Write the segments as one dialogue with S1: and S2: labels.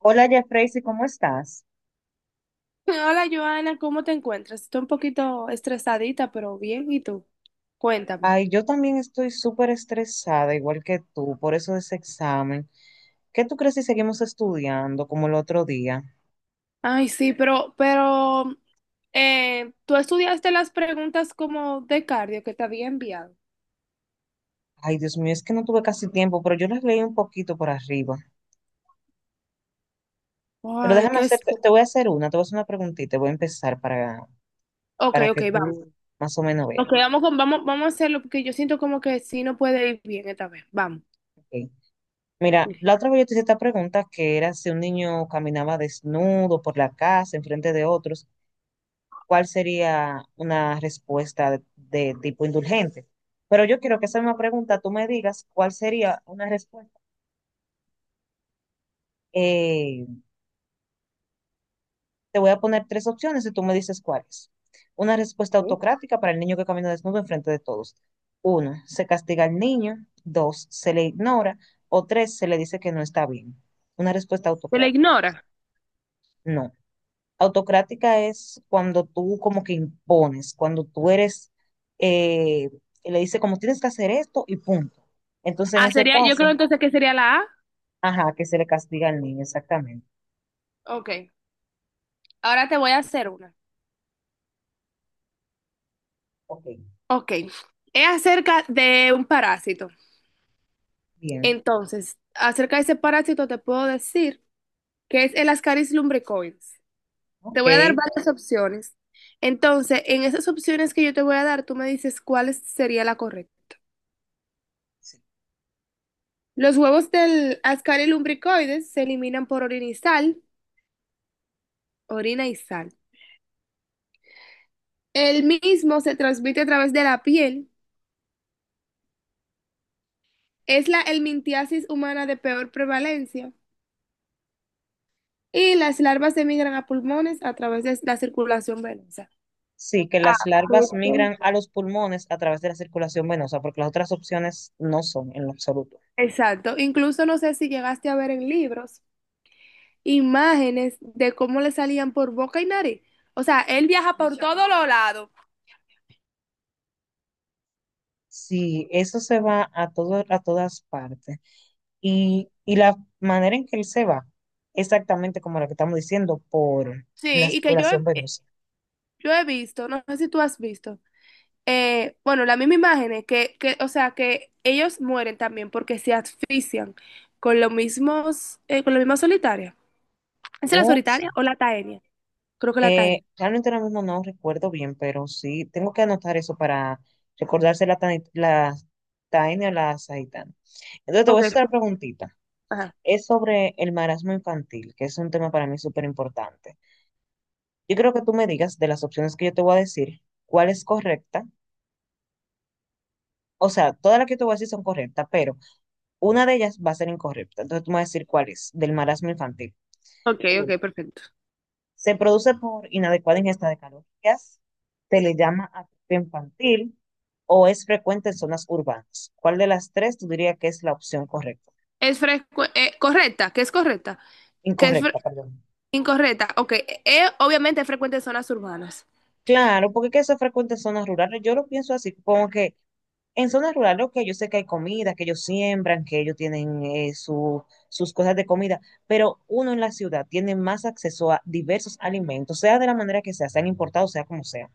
S1: Hola, Jeffrey, ¿cómo estás?
S2: Hola Joana, ¿cómo te encuentras? Estoy un poquito estresadita, pero bien. ¿Y tú? Cuéntame.
S1: Ay, yo también estoy súper estresada, igual que tú, por eso de ese examen. ¿Qué tú crees si seguimos estudiando como el otro día?
S2: Ay, sí, pero ¿tú estudiaste las preguntas como de cardio que te había enviado?
S1: Ay, Dios mío, es que no tuve casi tiempo, pero yo las leí un poquito por arriba. Pero
S2: Ay,
S1: déjame
S2: qué es.
S1: hacerte, te voy a hacer una, te voy a hacer una preguntita, voy a empezar
S2: Ok,
S1: para
S2: ok,
S1: que
S2: vamos.
S1: tú más o menos veas.
S2: Ok, vamos a hacerlo porque yo siento como que sí no puede ir bien esta vez. Vamos.
S1: Ok. Mira, la otra vez yo te hice esta pregunta que era si un niño caminaba desnudo por la casa, enfrente de otros, cuál sería una respuesta de tipo indulgente. Pero yo quiero que esa misma pregunta tú me digas cuál sería una respuesta. Eh, Te voy a poner tres opciones y tú me dices cuáles. Una respuesta
S2: Ok.
S1: autocrática para el niño que camina desnudo enfrente de todos. Uno, se castiga al niño. Dos, se le ignora. O tres, se le dice que no está bien. Una respuesta
S2: ¿Te la
S1: autocrática.
S2: ignora?
S1: No. Autocrática es cuando tú como que impones, cuando tú eres, eh, le dice como tienes que hacer esto y punto. Entonces en
S2: Ah,
S1: ese
S2: sería, yo creo
S1: caso,
S2: entonces que sería la A.
S1: ajá, que se le castiga al niño, exactamente.
S2: Ok, ahora te voy a hacer una.
S1: Ok,
S2: Ok, es acerca de un parásito.
S1: bien,
S2: Entonces, acerca de ese parásito te puedo decir que es el Ascaris lumbricoides. Te
S1: ok.
S2: voy a dar varias opciones. Entonces, en esas opciones que yo te voy a dar, tú me dices sería la correcta.
S1: Sí,
S2: Los huevos del Ascaris lumbricoides se eliminan por orina y sal, orina y sal. El mismo se transmite a través de la piel. Es la helmintiasis humana de peor prevalencia. Y las larvas emigran a pulmones a través de la circulación venosa.
S1: sí, que
S2: Ah,
S1: las larvas migran a los pulmones a través de la circulación venosa, porque las otras opciones no son en lo absoluto.
S2: exacto. Incluso no sé si llegaste a ver en libros imágenes de cómo le salían por boca y nariz. O sea, él viaja por muchas todos los lados.
S1: Sí, eso se va a todo, a todas partes. Y la manera en que él se va, exactamente como la que estamos diciendo, por la
S2: Sí, y que yo he,
S1: circulación
S2: eh,
S1: venosa.
S2: yo he visto, no sé si tú has visto, bueno, la misma imagen es que, o sea, que ellos mueren también porque se asfixian con los mismos, con la misma solitaria. ¿Es la
S1: Oh, sí.
S2: solitaria o la taenia? Creo que la taenia.
S1: Realmente ahora mismo no recuerdo bien, pero sí, tengo que anotar eso para recordarse la, la Taenia o la Saitana. Entonces te voy a
S2: Ok,
S1: hacer otra preguntita.
S2: ajá.
S1: Es sobre el marasmo infantil, que es un tema para mí súper importante. Yo creo que tú me digas de las opciones que yo te voy a decir, cuál es correcta. O sea, todas las que te voy a decir son correctas, pero una de ellas va a ser incorrecta. Entonces tú me vas a decir cuál es, del marasmo infantil.
S2: Ok,
S1: Uno,
S2: ok, perfecto.
S1: se produce por inadecuada ingesta de calorías, se le llama atrofia infantil o es frecuente en zonas urbanas. ¿Cuál de las tres tú dirías que es la opción correcta?
S2: Correcta, que es correcta, que es fre-
S1: Incorrecta, perdón.
S2: incorrecta. Ok, obviamente es frecuente en zonas urbanas.
S1: Claro, porque que eso es frecuente en zonas rurales. Yo lo pienso así, como que en zonas rurales, ok, yo sé que hay comida, que ellos siembran, que ellos tienen sus cosas de comida, pero uno en la ciudad tiene más acceso a diversos alimentos, sea de la manera que sea, sean importados, sea como sea.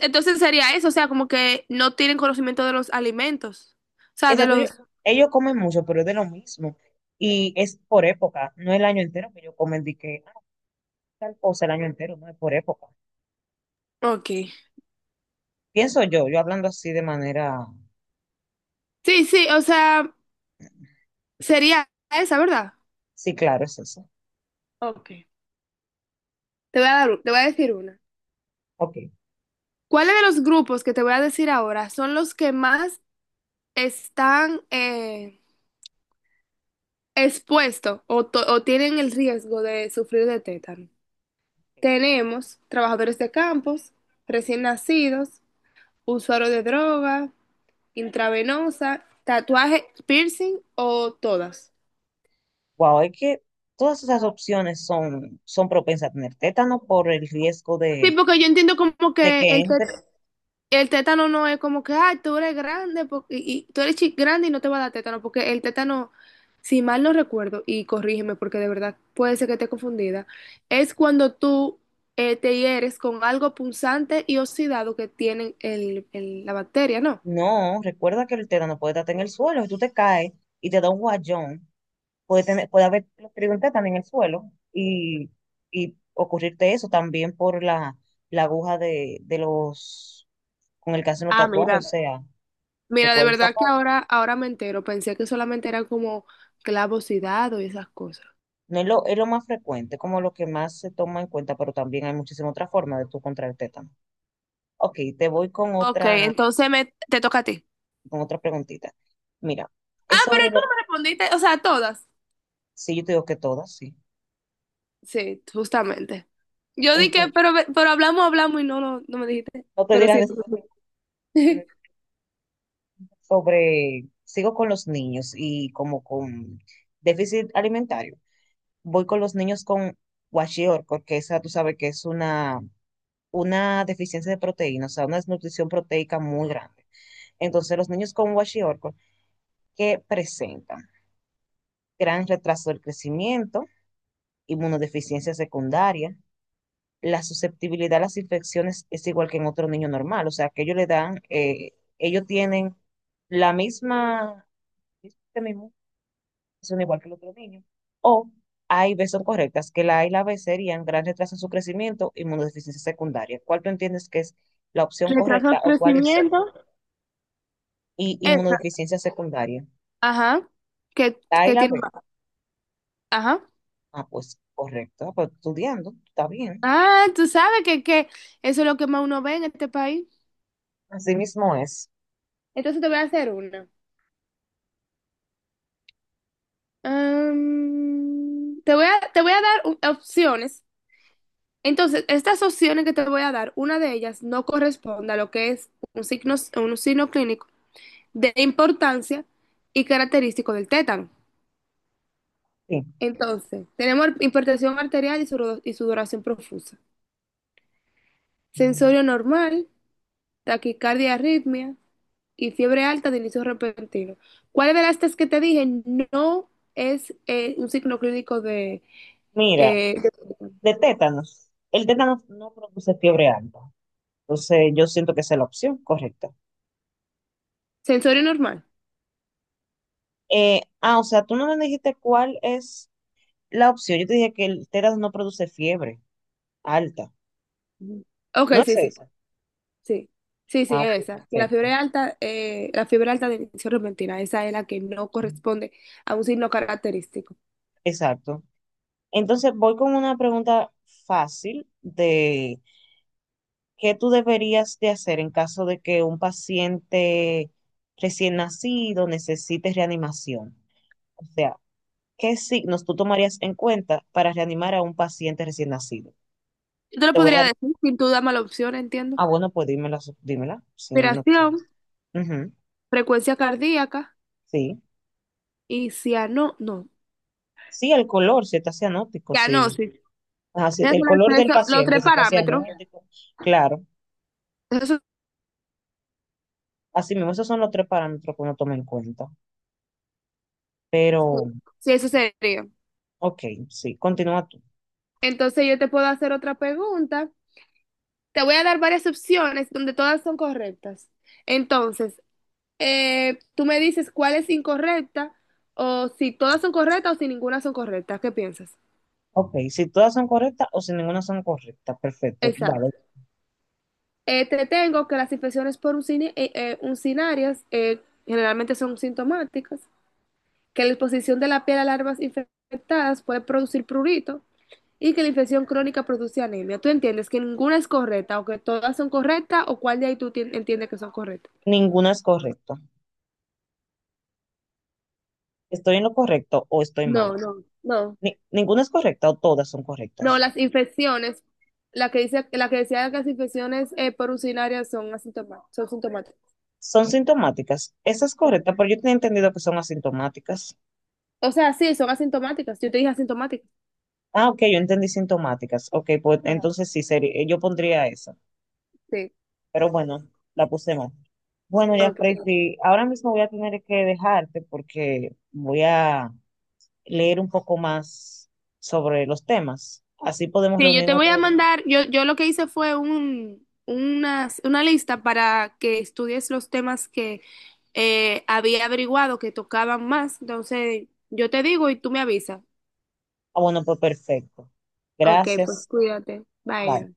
S2: Entonces sería eso, o sea, como que no tienen conocimiento de los alimentos. O sea, de
S1: Exacto,
S2: los…
S1: ellos comen mucho, pero es de lo mismo. Y es por época, no el año entero que ellos comen, de que ah, tal cosa el año entero, no es por época.
S2: Ok.
S1: Pienso yo, yo hablando así de manera,
S2: Sí, sí, o sea, sería esa, ¿verdad?
S1: sí, claro, es eso.
S2: Ok. Te voy a decir una.
S1: Ok.
S2: ¿Cuáles de los grupos que te voy a decir ahora son los que más están expuestos o tienen el riesgo de sufrir de tétano? Tenemos trabajadores de campos, recién nacidos, usuarios de droga, intravenosa, tatuaje, piercing o todas.
S1: Wow, es que todas esas opciones son, son propensas a tener tétano por el riesgo
S2: Sí, porque yo entiendo como
S1: de
S2: que
S1: que entre.
S2: el tétano no es como que, ay, tú eres grande po- y, grande y no te va a dar tétano, porque el tétano, si mal no recuerdo, y corrígeme porque de verdad puede ser que esté confundida, es cuando tú te hieres con algo punzante y oxidado que tiene la bacteria, ¿no?
S1: No, recuerda que el tétano puede estar en el suelo. Si tú te caes y te da un guayón, puede tener, puede haber escrito un tétano en el suelo y ocurrirte eso también por la, la aguja de los, con el que hacen los
S2: Ah,
S1: tatuajes. O
S2: mira.
S1: sea,
S2: Mira, de
S1: recuerda esa
S2: verdad que
S1: parte.
S2: ahora, ahora me entero. Pensé que solamente era como clavos y dados y esas cosas.
S1: No es lo, es lo más frecuente, como lo que más se toma en cuenta, pero también hay muchísimas otras formas de tú contraer tétano. Ok, te voy
S2: Ok, entonces te toca a ti.
S1: con otra preguntita. Mira,
S2: Ah,
S1: es
S2: pero
S1: sobre
S2: tú
S1: lo,
S2: no me respondiste, o sea, todas.
S1: sí, yo te digo que todas, sí.
S2: Sí, justamente. Yo dije,
S1: Entonces,
S2: pero hablamos, hablamos y no me dijiste.
S1: no te
S2: Pero
S1: dirás
S2: sí. Tú.
S1: sobre, sigo con los niños y como con déficit alimentario, voy con los niños con kwashiorkor, porque esa tú sabes que es una deficiencia de proteína, o sea, una desnutrición proteica muy grande. Entonces, los niños con kwashiorkor que presentan gran retraso del crecimiento, inmunodeficiencia secundaria, la susceptibilidad a las infecciones es igual que en otro niño normal, o sea, que ellos le dan, ellos tienen la misma mismo sistema son igual que los otros niños. O A y B son correctas, que la A y la B serían gran retraso en su crecimiento, inmunodeficiencia secundaria. ¿Cuál tú entiendes que es la opción
S2: Retraso
S1: correcta
S2: de
S1: o cuáles son?
S2: crecimiento.
S1: Y
S2: Esa.
S1: inmunodeficiencia secundaria.
S2: Ajá.
S1: La A y
S2: Que
S1: la
S2: tiene
S1: B.
S2: más. Ajá.
S1: Ah, pues correcto. Ah, pues estudiando, está bien.
S2: Ah, tú sabes que eso es lo que más uno ve en este país.
S1: Así mismo es.
S2: Entonces te voy a hacer una. Am, te voy a dar opciones. Entonces, estas opciones que te voy a dar, una de ellas no corresponde a lo que es un signo clínico de importancia y característico del tétano.
S1: Sí.
S2: Entonces, tenemos hipertensión arterial y sudoración profusa, sensorio normal, taquicardia, arritmia y fiebre alta de inicio repentino. ¿Cuál de las tres que te dije no es un signo clínico de,
S1: Mira,
S2: eh, de-
S1: de tétanos. El tétanos no produce fiebre alta. Entonces, yo siento que esa es la opción correcta.
S2: sensorio normal?
S1: O sea, tú no me dijiste cuál es la opción. Yo te dije que el tétanos no produce fiebre alta.
S2: Ujú. Ok,
S1: No es
S2: sí, sí,
S1: esa.
S2: sí. Sí, sí,
S1: Ah, ok,
S2: esa. Que
S1: perfecto.
S2: la fiebre alta de inicio repentina, esa es la que no corresponde a un signo característico.
S1: Exacto. Entonces voy con una pregunta fácil de qué tú deberías de hacer en caso de que un paciente recién nacido necesite reanimación. O sea, ¿qué signos tú tomarías en cuenta para reanimar a un paciente recién nacido?
S2: Yo te lo
S1: Te voy a
S2: podría
S1: dar...
S2: decir sin tú darme la opción, entiendo.
S1: Ah, bueno, pues dímela, dímela. Sí, no
S2: Respiración,
S1: tienes. Ujú,
S2: frecuencia cardíaca
S1: sí.
S2: y ciano, no,
S1: Sí, el color, si está cianótico, sí.
S2: cianosis.
S1: Ajá, sí,
S2: Esos
S1: el
S2: son
S1: color
S2: las
S1: del
S2: tres- Los
S1: paciente,
S2: tres
S1: si está
S2: parámetros.
S1: cianótico, claro.
S2: Eso,
S1: Así mismo, esos son los tres parámetros que uno toma en cuenta. Pero,
S2: sí, eso sería.
S1: ok, sí, continúa tú.
S2: Entonces yo te puedo hacer otra pregunta. Te voy a dar varias opciones donde todas son correctas. Entonces, tú me dices cuál es incorrecta o si todas son correctas o si ninguna son correctas. ¿Qué piensas?
S1: Ok, si todas son correctas o si ninguna son correctas, perfecto,
S2: Exacto.
S1: dale.
S2: Te tengo que las infecciones por uncinarias generalmente son sintomáticas, que la exposición de la piel a larvas infectadas puede producir prurito y que la infección crónica produce anemia. ¿Tú entiendes que ninguna es correcta o que todas son correctas o cuál de ahí entiendes que son correctas?
S1: Ninguna es correcta. ¿Estoy en lo correcto o estoy mal?
S2: No, no, no.
S1: Ninguna es correcta o todas son
S2: No,
S1: correctas.
S2: las infecciones, la que dice, la que decía que las infecciones por urinaria son asintomáticas, son sintomáticas.
S1: Son sintomáticas. Esa es correcta, pero yo tenía entendido que son asintomáticas.
S2: O sea, sí, son asintomáticas. Yo te dije asintomáticas.
S1: Ah, ok, yo entendí sintomáticas. Ok, pues
S2: Ajá.
S1: entonces sí, sería, yo pondría esa.
S2: Sí,
S1: Pero bueno, la puse mal. Bueno, ya,
S2: ok.
S1: Tracy, ahora mismo voy a tener que dejarte porque voy a leer un poco más sobre los temas. Así podemos
S2: Sí, yo te
S1: reunirnos
S2: voy a
S1: otro día.
S2: mandar, yo lo que hice fue una lista para que estudies los temas que había averiguado que tocaban más. Entonces, yo te digo y tú me avisas.
S1: Ah, bueno, pues perfecto.
S2: Ok, pues
S1: Gracias.
S2: cuídate.
S1: Bye.
S2: Bye.